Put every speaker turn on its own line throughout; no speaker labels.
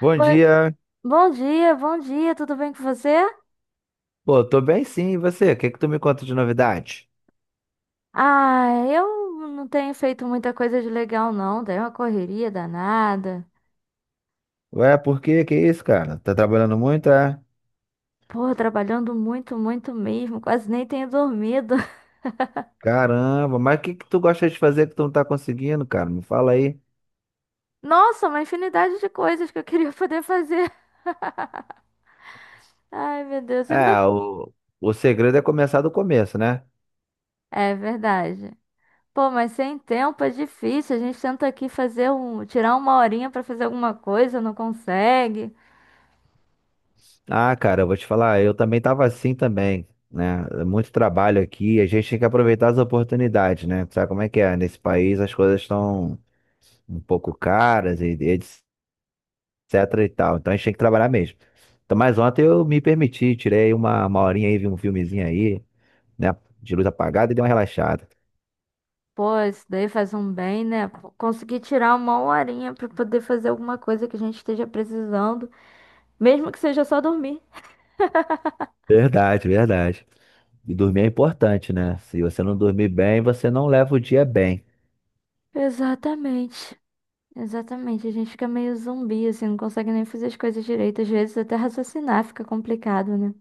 Bom
Oi,
dia.
bom dia, tudo bem com você?
Pô, tô bem sim, e você? O que que tu me conta de novidade?
Ah, eu não tenho feito muita coisa de legal, não. Dei uma correria danada.
Ué, por quê? Que isso, cara? Tá trabalhando muito, é?
Pô, trabalhando muito, muito mesmo. Quase nem tenho dormido.
Caramba, mas o que que tu gosta de fazer que tu não tá conseguindo, cara? Me fala aí.
Nossa, uma infinidade de coisas que eu queria poder fazer. Ai, meu Deus. E
É,
você?
o segredo é começar do começo, né?
É verdade. Pô, mas sem tempo é difícil. A gente tenta aqui fazer tirar uma horinha pra fazer alguma coisa, não consegue.
Ah, cara, eu vou te falar, eu também tava assim também, né? É. Muito trabalho aqui, a gente tem que aproveitar as oportunidades, né? Tu sabe como é que é? Nesse país as coisas estão um pouco caras e etc e tal. Então a gente tinha que trabalhar mesmo. Então, mas ontem eu me permiti, tirei uma horinha aí, vi um filmezinho aí, né? De luz apagada e dei uma relaxada.
Pô, isso daí faz um bem, né? Pô, conseguir tirar uma horinha pra poder fazer alguma coisa que a gente esteja precisando, mesmo que seja só dormir.
Verdade, verdade. E dormir é importante, né? Se você não dormir bem, você não leva o dia bem.
Exatamente. Exatamente. A gente fica meio zumbi, assim, não consegue nem fazer as coisas direito. Às vezes até raciocinar fica complicado, né?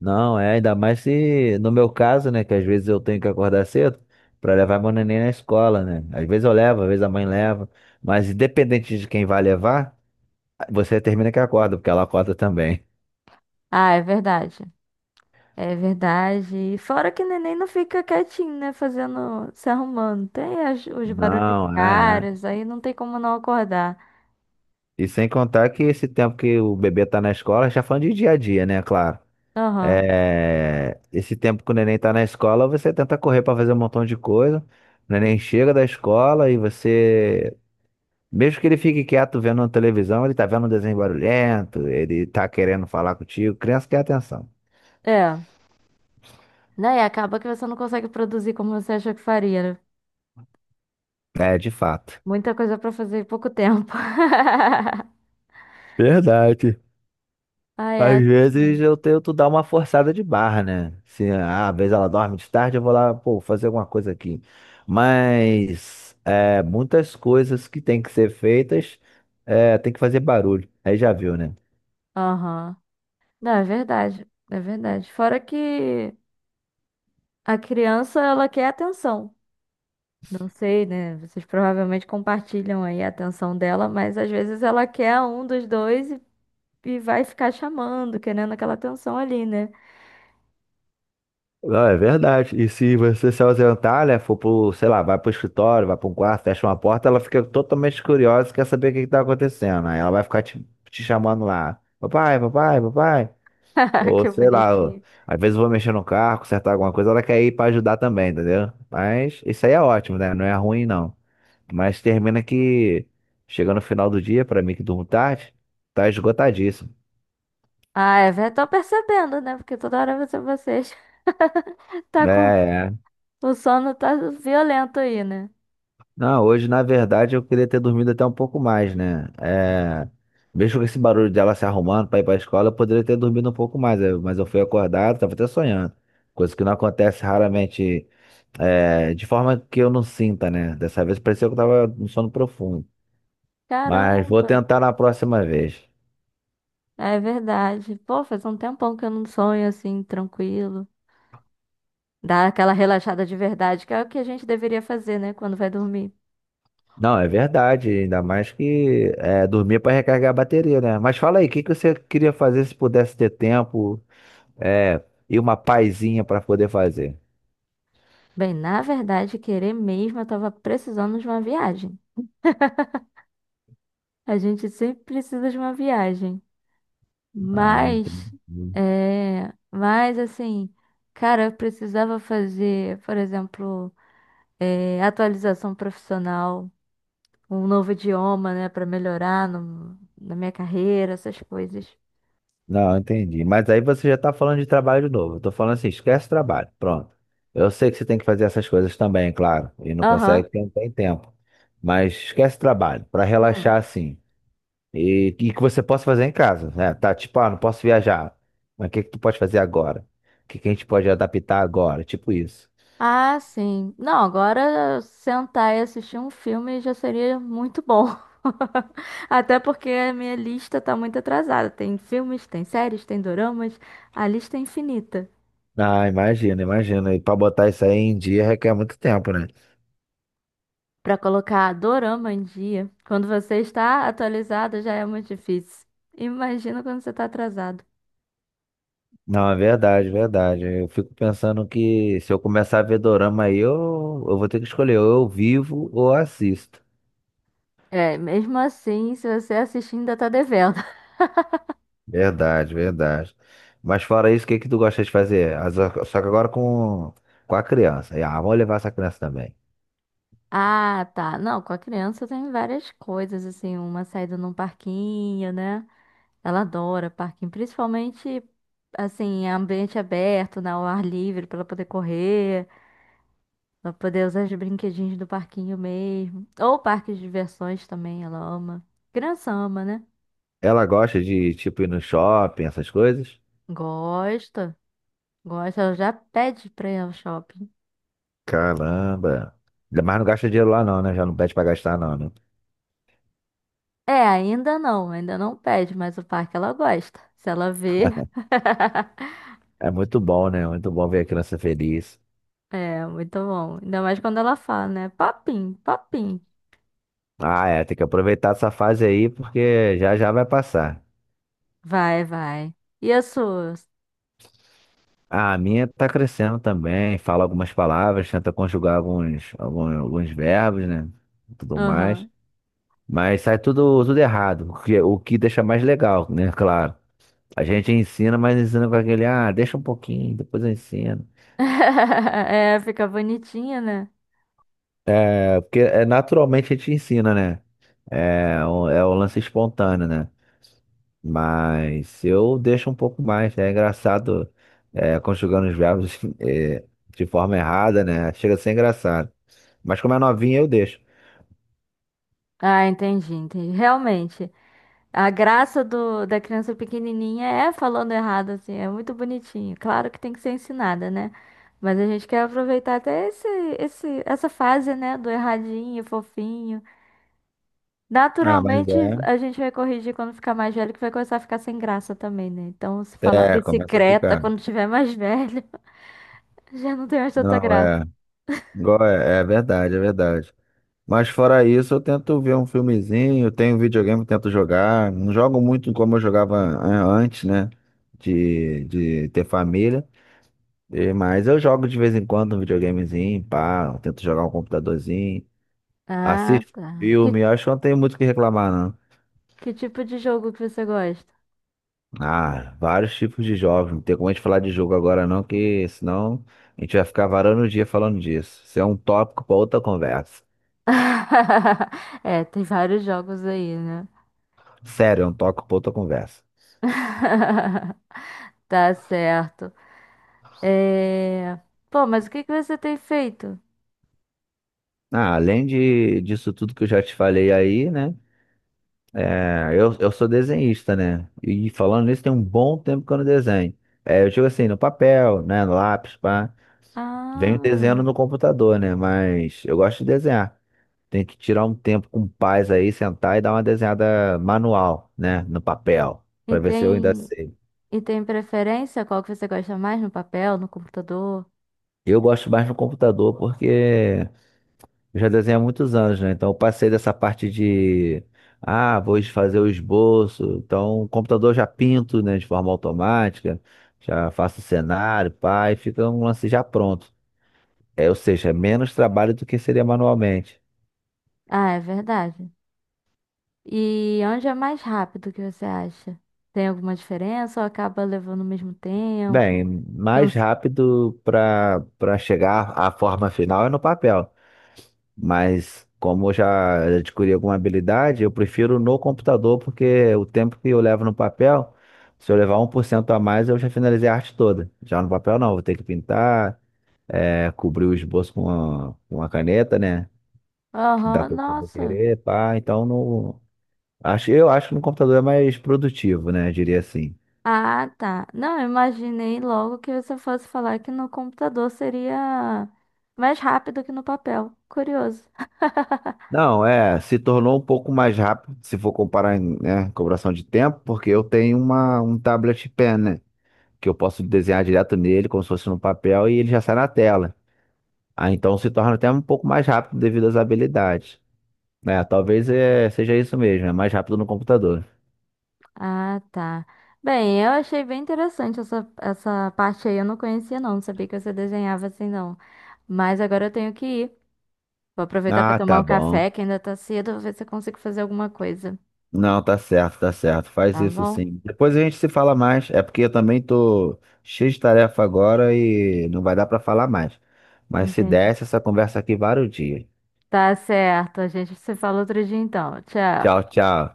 Não, é, ainda mais se, no meu caso, né, que às vezes eu tenho que acordar cedo para levar meu neném na escola, né? Às vezes eu levo, às vezes a mãe leva, mas independente de quem vai levar, você termina que acorda, porque ela acorda também.
Ah, é verdade. É verdade. E fora que o neném não fica quietinho, né? Fazendo, se arrumando. Tem os barulhos
Não, é, é.
diários, aí não tem como não acordar.
E sem contar que esse tempo que o bebê tá na escola, já falando de dia a dia, né? Claro.
Aham.
É, esse tempo que o neném tá na escola, você tenta correr para fazer um montão de coisa. O neném chega da escola e você, mesmo que ele fique quieto vendo a televisão, ele tá vendo um desenho barulhento, ele tá querendo falar contigo. Criança quer atenção.
É. Daí acaba que você não consegue produzir como você achou que faria, né?
É, de fato.
Muita coisa pra fazer em pouco tempo.
Verdade.
Ah,
Às
é
vezes
assim.
eu tento dar uma forçada de barra, né? Se ah, às vezes ela dorme de tarde, eu vou lá, pô, fazer alguma coisa aqui. Mas é, muitas coisas que têm que ser feitas, é, tem que fazer barulho. Aí já viu, né?
Aham. Não, é verdade. É verdade. Fora que a criança, ela quer atenção. Não sei, né? Vocês provavelmente compartilham aí a atenção dela, mas às vezes ela quer um dos dois e vai ficar chamando, querendo aquela atenção ali, né?
Não, é verdade. E se você se ausentar, né, for pro, sei lá, vai pro escritório, vai pra um quarto, fecha uma porta, ela fica totalmente curiosa, quer saber o que que tá acontecendo. Aí ela vai ficar te chamando lá. Papai, papai, papai. Ou
Que
sei lá, ó,
bonitinho.
às vezes eu vou mexer no carro, consertar alguma coisa, ela quer ir pra ajudar também, entendeu? Mas isso aí é ótimo, né? Não é ruim, não. Mas termina que chega no final do dia, pra mim que durmo tarde, tá esgotadíssimo.
Ah, é, tô percebendo, né? Porque toda hora você, vocês
É,
tá com
é.
o sono tá violento aí, né?
Não, hoje na verdade eu queria ter dormido até um pouco mais, né? É, mesmo com esse barulho dela se arrumando pra ir pra escola, eu poderia ter dormido um pouco mais, mas eu fui acordado, tava até sonhando. Coisa que não acontece raramente, é, de forma que eu não sinta, né? Dessa vez pareceu que eu tava no sono profundo. Mas vou
Caramba,
tentar na próxima vez.
é verdade. Pô, faz um tempão que eu não sonho assim, tranquilo. Dá aquela relaxada de verdade, que é o que a gente deveria fazer, né, quando vai dormir.
Não, é verdade, ainda mais que é, dormir para recarregar a bateria, né? Mas fala aí, o que que você queria fazer se pudesse ter tempo, é, e uma paizinha para poder fazer?
Bem, na verdade, querer mesmo, eu tava precisando de uma viagem. A gente sempre precisa de uma viagem.
Ah, entendi.
Mas, é. Mas, assim, cara, eu precisava fazer, por exemplo, atualização profissional. Um novo idioma, né, pra melhorar na minha carreira, essas coisas.
Não, entendi. Mas aí você já está falando de trabalho de novo. Eu tô falando assim, esquece trabalho. Pronto. Eu sei que você tem que fazer essas coisas também, claro. E não
Aham.
consegue porque não tem tempo. Mas esquece trabalho, para
Hum.
relaxar assim. E que você possa fazer em casa, né? Tá tipo, ah, não posso viajar. Mas o que que tu pode fazer agora? O que que a gente pode adaptar agora? Tipo isso.
Ah, sim. Não, agora sentar e assistir um filme já seria muito bom. Até porque a minha lista tá muito atrasada. Tem filmes, tem séries, tem doramas. A lista é infinita.
Ah, imagina, imagina. E para botar isso aí em dia requer muito tempo, né?
Pra colocar dorama em dia, quando você está atualizado, já é muito difícil. Imagina quando você tá atrasado.
Não, é verdade, verdade. Eu fico pensando que se eu começar a ver dorama aí, eu vou ter que escolher, ou eu vivo ou assisto.
É, mesmo assim, se você assistir, ainda tá devendo.
Verdade, verdade. Mas fora isso, o que que tu gosta de fazer? Só que agora com a criança. E, ah, vamos levar essa criança também.
Ah, tá. Não, com a criança tem várias coisas, assim, uma saída num parquinho, né? Ela adora parquinho, principalmente, assim, ambiente aberto, né? Ao ar livre, pra ela poder correr, pra poder usar os brinquedinhos do parquinho mesmo. Ou parques de diversões também, ela ama. Criança ama, né?
Ela gosta de, tipo, ir no shopping, essas coisas?
Gosta, gosta, ela já pede pra ir ao shopping.
Caramba. Mas não gasta dinheiro lá não, né? Já não pede pra gastar não, né?
É, ainda não pede, mas o parque ela gosta. Se ela vê.
É muito bom, né? Muito bom ver a criança feliz.
É, muito bom. Ainda mais quando ela fala, né? Papim, papim.
Ah, é, tem que aproveitar essa fase aí porque já já vai passar.
Vai, vai. E as suas?
Ah, a minha tá crescendo também, fala algumas palavras, tenta conjugar alguns verbos, né? Tudo mais.
Aham.
Mas sai tudo, tudo errado, o que deixa mais legal, né? Claro. A gente ensina, mas ensina com aquele, ah, deixa um pouquinho, depois eu ensino.
É, fica bonitinha, né?
É porque é, naturalmente a gente ensina, né? É, é o lance espontâneo, né? Mas eu deixo um pouco mais, né? É engraçado, é, conjugando os verbos, é, de forma errada, né? Chega a ser engraçado. Mas como é novinha, eu deixo.
Ah, entendi, entendi. Realmente, a graça do, da criança pequenininha é falando errado, assim, é muito bonitinho. Claro que tem que ser ensinada, né? Mas a gente quer aproveitar até esse, essa fase, né? Do erradinho, fofinho.
Ah, mas
Naturalmente,
é.
a gente vai corrigir quando ficar mais velho, que vai começar a ficar sem graça também, né? Então, se falar
É, começa a
bicicleta
ficar.
quando tiver mais velho, já não tem mais tanta
Não,
graça.
é. Igual é, é verdade, é verdade. Mas fora isso, eu tento ver um filmezinho, tenho videogame, eu tento jogar. Não jogo muito como eu jogava antes, né? De ter família. Mas eu jogo de vez em quando um videogamezinho, pá, eu tento jogar um computadorzinho.
Ah,
Assisto
tá.
filme, acho que não tem muito o que reclamar, não.
Que tipo de jogo que você gosta?
Ah, vários tipos de jovem. Não tem como a gente falar de jogo agora, não, que senão a gente vai ficar varando o dia falando disso. Isso é um tópico para outra conversa.
É, tem vários jogos aí, né?
Sério, é um tópico para outra conversa.
Tá certo. É... Pô, mas o que que você tem feito?
Ah, além de, disso tudo que eu já te falei aí, né? É, eu sou desenhista, né? E falando nisso, tem um bom tempo que eu não desenho. É, eu digo assim, no papel, né? No lápis, pá. Venho
Ah,
desenhando no computador, né? Mas eu gosto de desenhar. Tem que tirar um tempo com paz aí, sentar e dar uma desenhada manual, né? No papel,
e
para ver se eu ainda
tem,
sei.
e tem preferência? Qual que você gosta mais no papel, no computador?
Eu gosto mais no computador porque eu já desenho há muitos anos, né? Então eu passei dessa parte de, ah, vou fazer o esboço. Então o computador eu já pinto, né, de forma automática, já faço o cenário, pá, e fica um lance já pronto. É, ou seja, é menos trabalho do que seria manualmente.
Ah, é verdade. E onde é mais rápido que você acha? Tem alguma diferença ou acaba levando o mesmo tempo?
Bem, mais
Cansa...
rápido para chegar à forma final é no papel. Mas como eu já adquiri alguma habilidade, eu prefiro no computador, porque o tempo que eu levo no papel, se eu levar 1% a mais, eu já finalizei a arte toda. Já no papel não, vou ter que pintar, é, cobrir o esboço com uma caneta, né? Que dá
Aham,
pra eu
nossa.
querer, pá. Então no, acho, eu acho que no computador é mais produtivo, né? Eu diria assim.
Ah, tá. Não, eu imaginei logo que você fosse falar que no computador seria mais rápido que no papel. Curioso.
Não, é, se tornou um pouco mais rápido, se for comparar em, né, cobração de tempo, porque eu tenho um tablet pen, né? Que eu posso desenhar direto nele, como se fosse no papel, e ele já sai na tela. Ah, então se torna até um pouco mais rápido devido às habilidades. É, talvez seja isso mesmo, é mais rápido no computador.
Ah, tá. Bem, eu achei bem interessante essa parte aí. Eu não conhecia, não. Não sabia que você desenhava assim, não. Mas agora eu tenho que ir. Vou aproveitar para
Ah,
tomar
tá
um
bom.
café, que ainda tá cedo. Vou ver se eu consigo fazer alguma coisa.
Não, tá certo, tá certo. Faz
Tá
isso
bom?
sim. Depois a gente se fala mais. É porque eu também tô cheio de tarefa agora e não vai dar pra falar mais. Mas se
Entendi.
desse, essa conversa aqui vários dias.
Tá certo, gente. Você fala outro dia então.
Tchau,
Tchau.
tchau.